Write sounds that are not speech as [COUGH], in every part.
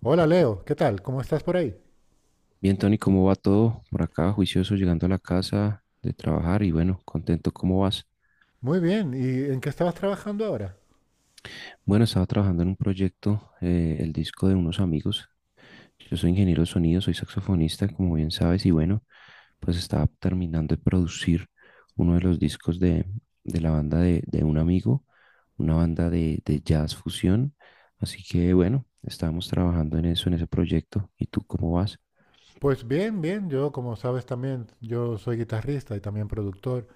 Hola Leo, ¿qué tal? ¿Cómo estás por ahí? Bien, Tony, ¿cómo va todo? Por acá, juicioso, llegando a la casa de trabajar y bueno, contento, ¿cómo vas? Muy bien, ¿y en qué estabas trabajando ahora? Bueno, estaba trabajando en un proyecto, el disco de unos amigos. Yo soy ingeniero de sonido, soy saxofonista, como bien sabes, y bueno, pues estaba terminando de producir uno de los discos de la banda de un amigo, una banda de jazz fusión. Así que bueno, estábamos trabajando en eso, en ese proyecto. ¿Y tú cómo vas? Pues bien, bien, yo como sabes también, yo soy guitarrista y también productor,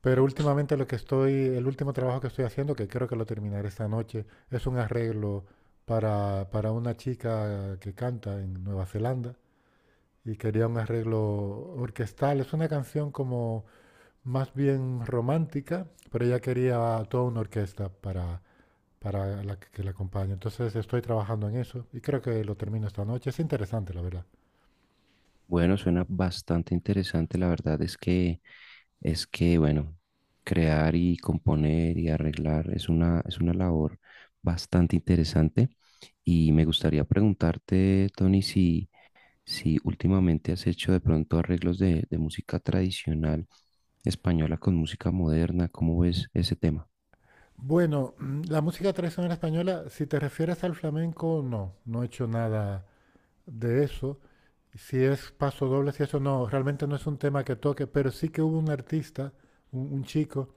pero últimamente lo que estoy, el último trabajo que estoy haciendo, que creo que lo terminaré esta noche, es un arreglo para una chica que canta en Nueva Zelanda y quería un arreglo orquestal. Es una canción como más bien romántica, pero ella quería toda una orquesta para la que la acompañe. Entonces estoy trabajando en eso y creo que lo termino esta noche. Es interesante, la verdad. Bueno, suena bastante interesante. La verdad es que bueno, crear y componer y arreglar es una labor bastante interesante y me gustaría preguntarte, Tony, si últimamente has hecho de pronto arreglos de música tradicional española con música moderna, ¿cómo ves ese tema? Bueno, la música tradicional española, si te refieres al flamenco, no, no he hecho nada de eso. Si es paso doble, si eso no, realmente no es un tema que toque, pero sí que hubo un artista, un chico,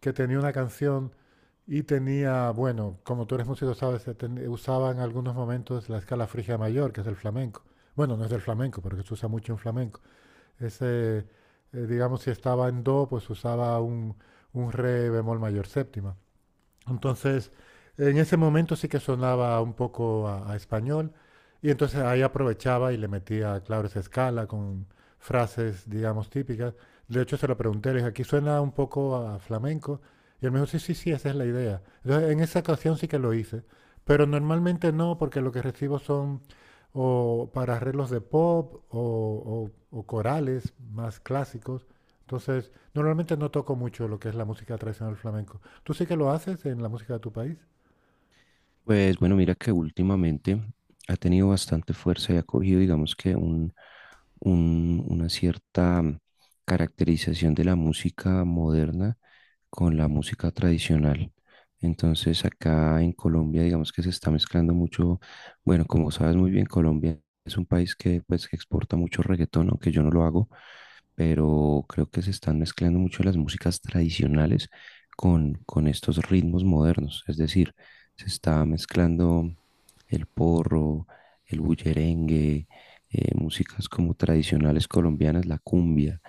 que tenía una canción y tenía, bueno, como tú eres músico, sabes, se usaba en algunos momentos la escala frigia mayor, que es el flamenco. Bueno, no es del flamenco, porque se usa mucho en flamenco. Ese, digamos, si estaba en do, pues usaba un re bemol mayor séptima. Entonces, en ese momento sí que sonaba un poco a español y entonces ahí aprovechaba y le metía, claro, esa escala con frases, digamos, típicas. De hecho, se lo pregunté, le dije, aquí suena un poco a flamenco. Y él me dijo, sí, sí, sí, esa es la idea. Entonces, en esa ocasión sí que lo hice, pero normalmente no, porque lo que recibo son o para arreglos de pop o corales más clásicos. Entonces, normalmente no toco mucho lo que es la música tradicional flamenco. ¿Tú sí que lo haces en la música de tu país? Pues bueno, mira que últimamente ha tenido bastante fuerza y ha cogido, digamos que un, una cierta caracterización de la música moderna con la música tradicional. Entonces acá en Colombia, digamos que se está mezclando mucho, bueno, como sabes muy bien, Colombia es un país que pues que exporta mucho reggaetón, aunque yo no lo hago, pero creo que se están mezclando mucho las músicas tradicionales con estos ritmos modernos, es decir, se está mezclando el porro, el bullerengue, músicas como tradicionales colombianas, la cumbia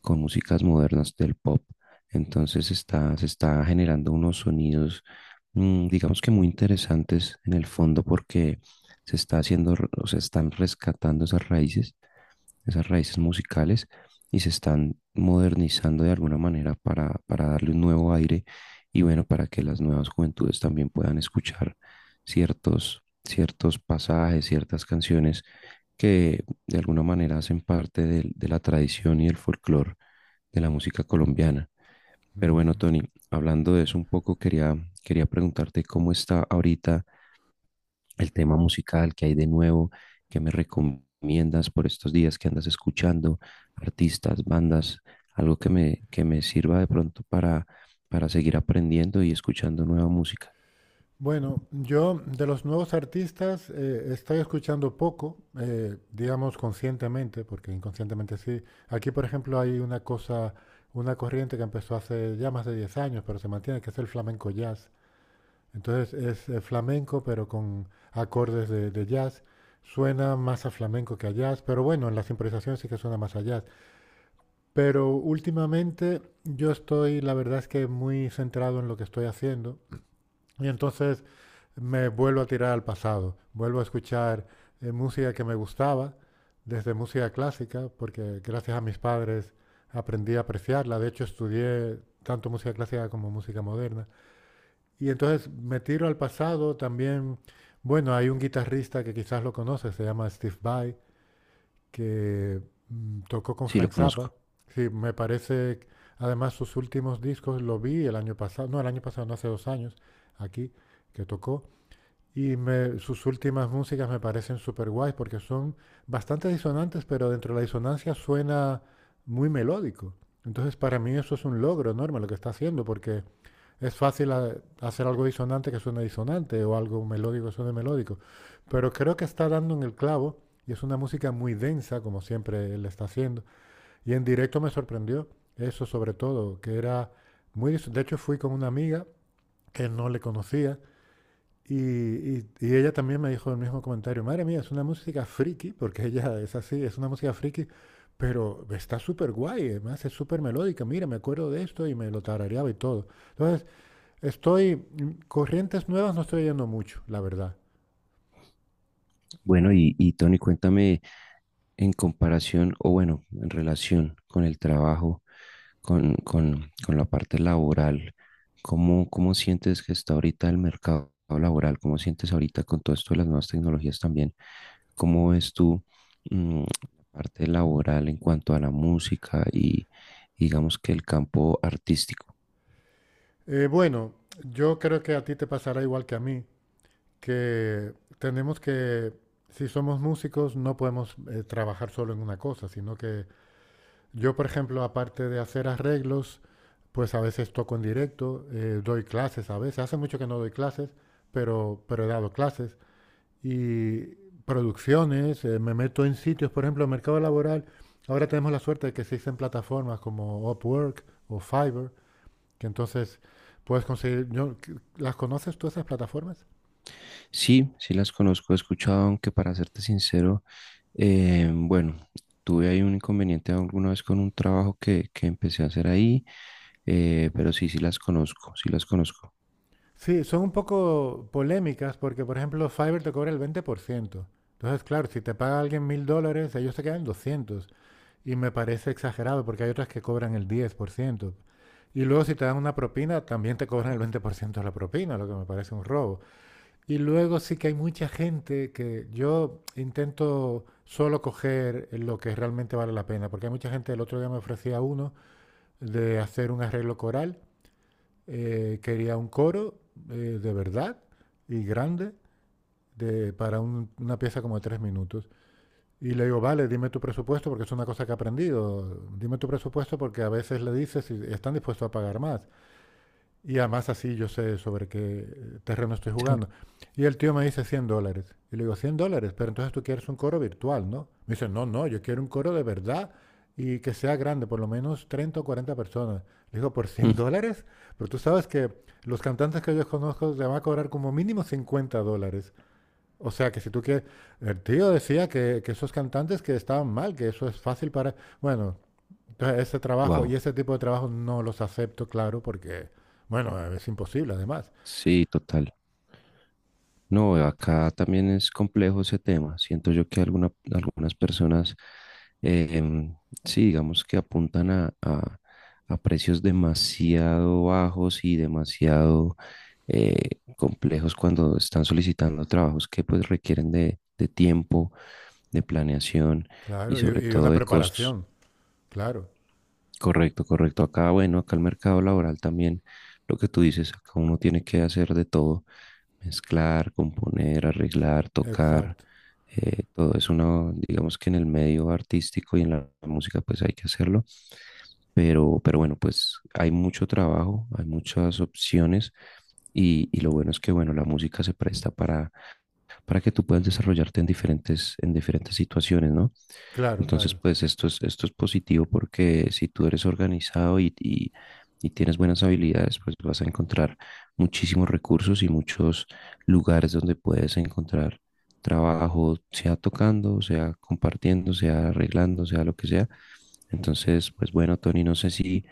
con músicas modernas del pop. Entonces está, se está generando unos sonidos, digamos que muy interesantes en el fondo porque se está haciendo, o se están rescatando esas raíces musicales y se están modernizando de alguna manera para darle un nuevo aire y bueno, para que las nuevas juventudes también puedan escuchar ciertos, ciertos pasajes, ciertas canciones que de alguna manera hacen parte de la tradición y el folclore de la música colombiana. Pero bueno, Ujú. Tony, hablando de eso un poco, quería, quería preguntarte cómo está ahorita el tema musical que hay de nuevo, que me recomiendas por estos días que andas escuchando, artistas, bandas, algo que me sirva de pronto para seguir aprendiendo y escuchando nueva música. Bueno, yo de los nuevos artistas estoy escuchando poco, digamos conscientemente, porque inconscientemente sí. Aquí, por ejemplo, hay una cosa, una corriente que empezó hace ya más de 10 años, pero se mantiene, que es el flamenco jazz. Entonces es flamenco, pero con acordes de jazz. Suena más a flamenco que a jazz, pero bueno, en las improvisaciones sí que suena más a jazz. Pero últimamente yo estoy, la verdad es que muy centrado en lo que estoy haciendo y entonces me vuelvo a tirar al pasado, vuelvo a escuchar música que me gustaba, desde música clásica, porque gracias a mis padres aprendí a apreciarla, de hecho estudié tanto música clásica como música moderna, y entonces me tiro al pasado también. Bueno, hay un guitarrista que quizás lo conoces, se llama Steve Vai, que tocó con Sí, lo Frank Zappa. conozco. Sí, me parece, además sus últimos discos lo vi el año pasado, no el año pasado, no hace 2 años, aquí, que tocó. Sus últimas músicas me parecen súper guays porque son bastante disonantes, pero dentro de la disonancia suena muy melódico. Entonces, para mí eso es un logro enorme lo que está haciendo, porque es fácil hacer algo disonante que suene disonante o algo melódico que suene melódico. Pero creo que está dando en el clavo y es una música muy densa, como siempre él está haciendo. Y en directo me sorprendió eso sobre todo, que era muy de hecho fui con una amiga que no le conocía y ella también me dijo el mismo comentario. Madre mía, es una música friki, porque [LAUGHS] ella es así, es una música friki, pero está súper guay, además es súper melódica. Mira, me acuerdo de esto y me lo tarareaba y todo. Entonces, estoy, corrientes nuevas no estoy yendo mucho, la verdad. Bueno, y Tony, cuéntame en comparación o bueno, en relación con el trabajo, con la parte laboral. ¿Cómo, cómo sientes que está ahorita el mercado laboral? ¿Cómo sientes ahorita con todo esto de las nuevas tecnologías también? ¿Cómo ves tú la parte laboral en cuanto a la música y digamos que el campo artístico? Bueno, yo creo que a ti te pasará igual que a mí, que tenemos que, si somos músicos, no podemos trabajar solo en una cosa, sino que yo, por ejemplo, aparte de hacer arreglos, pues a veces toco en directo, doy clases a veces. Hace mucho que no doy clases, pero he dado clases. Y producciones, me meto en sitios, por ejemplo, el mercado laboral. Ahora tenemos la suerte de que existen plataformas como Upwork o Fiverr, que entonces puedes conseguir, yo, ¿las conoces tú esas plataformas? Sí, sí las conozco, he escuchado, aunque para serte sincero, bueno, tuve ahí un inconveniente alguna vez con un trabajo que empecé a hacer ahí, pero sí, sí las conozco, sí las conozco. Sí, son un poco polémicas porque, por ejemplo, Fiverr te cobra el 20%. Entonces, claro, si te paga alguien $1000, ellos te quedan 200. Y me parece exagerado porque hay otras que cobran el 10%. Y luego si te dan una propina, también te cobran el 20% de la propina, lo que me parece un robo. Y luego sí que hay mucha gente que yo intento solo coger lo que realmente vale la pena, porque hay mucha gente, el otro día me ofrecía uno de hacer un arreglo coral, quería un coro de verdad y grande de, para una pieza como de 3 minutos. Y le digo, vale, dime tu presupuesto, porque es una cosa que he aprendido, dime tu presupuesto porque a veces le dices si están dispuestos a pagar más. Y además así yo sé sobre qué terreno estoy jugando. Y el tío me dice $100. Y le digo, $100, pero entonces tú quieres un coro virtual, ¿no? Me dice, no, no, yo quiero un coro de verdad y que sea grande, por lo menos 30 o 40 personas. Le digo, ¿por $100? Pero tú sabes que los cantantes que yo conozco te van a cobrar como mínimo $50. O sea que si tú quieres, el tío decía que esos cantantes que estaban mal, que eso es fácil para, bueno, entonces, ese trabajo y Wow, ese [LAUGHS] tipo de trabajo no los acepto, claro, porque, bueno, es imposible además. sí, total. No, acá también es complejo ese tema. Siento yo que algunas personas, eh, em, sí, digamos que apuntan a, a precios demasiado bajos y demasiado complejos cuando están solicitando trabajos que pues requieren de tiempo, de planeación y Claro, sobre y todo una de costos. preparación, claro. Correcto, correcto. Acá, bueno, acá el mercado laboral también, lo que tú dices, acá uno tiene que hacer de todo, mezclar, componer, arreglar, tocar, Exacto. Todo es una, digamos que en el medio artístico y en la música pues hay que hacerlo, pero bueno, pues hay mucho trabajo, hay muchas opciones y lo bueno es que bueno, la música se presta para que tú puedas desarrollarte en diferentes situaciones, ¿no? Claro, Entonces, claro. pues esto es positivo porque si tú eres organizado y tienes buenas habilidades, pues vas a encontrar muchísimos recursos y muchos lugares donde puedes encontrar trabajo, sea tocando, sea compartiendo, sea arreglando, sea lo que sea. Entonces, pues bueno, Tony, no sé si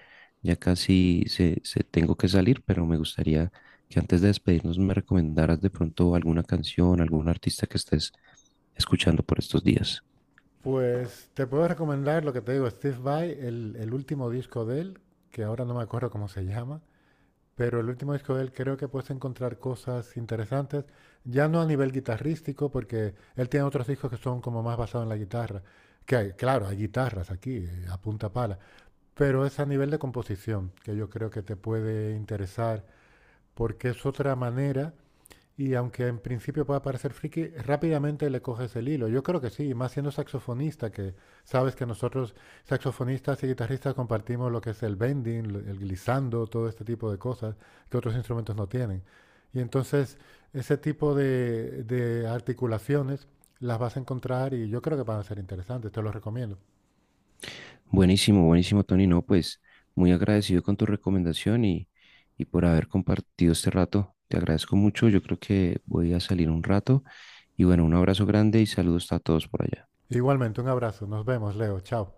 ya casi se tengo que salir, pero me gustaría que antes de despedirnos me recomendaras de pronto alguna canción, algún artista que estés escuchando por estos días. Pues te puedo recomendar lo que te digo, Steve Vai, el último disco de él, que ahora no me acuerdo cómo se llama, pero el último disco de él creo que puedes encontrar cosas interesantes, ya no a nivel guitarrístico, porque él tiene otros discos que son como más basados en la guitarra, que hay, claro, hay guitarras aquí, a punta pala, pero es a nivel de composición, que yo creo que te puede interesar, porque es otra manera y aunque en principio pueda parecer friki, rápidamente le coges el hilo. Yo creo que sí, más siendo saxofonista, que sabes que nosotros saxofonistas y guitarristas compartimos lo que es el bending, el glissando, todo este tipo de cosas que otros instrumentos no tienen. Y entonces ese tipo de articulaciones las vas a encontrar y yo creo que van a ser interesantes, te los recomiendo. Buenísimo, buenísimo, Tony. No, pues muy agradecido con tu recomendación y por haber compartido este rato. Te agradezco mucho. Yo creo que voy a salir un rato. Y bueno, un abrazo grande y saludos a todos por allá. Igualmente, un abrazo, nos vemos, Leo, chao.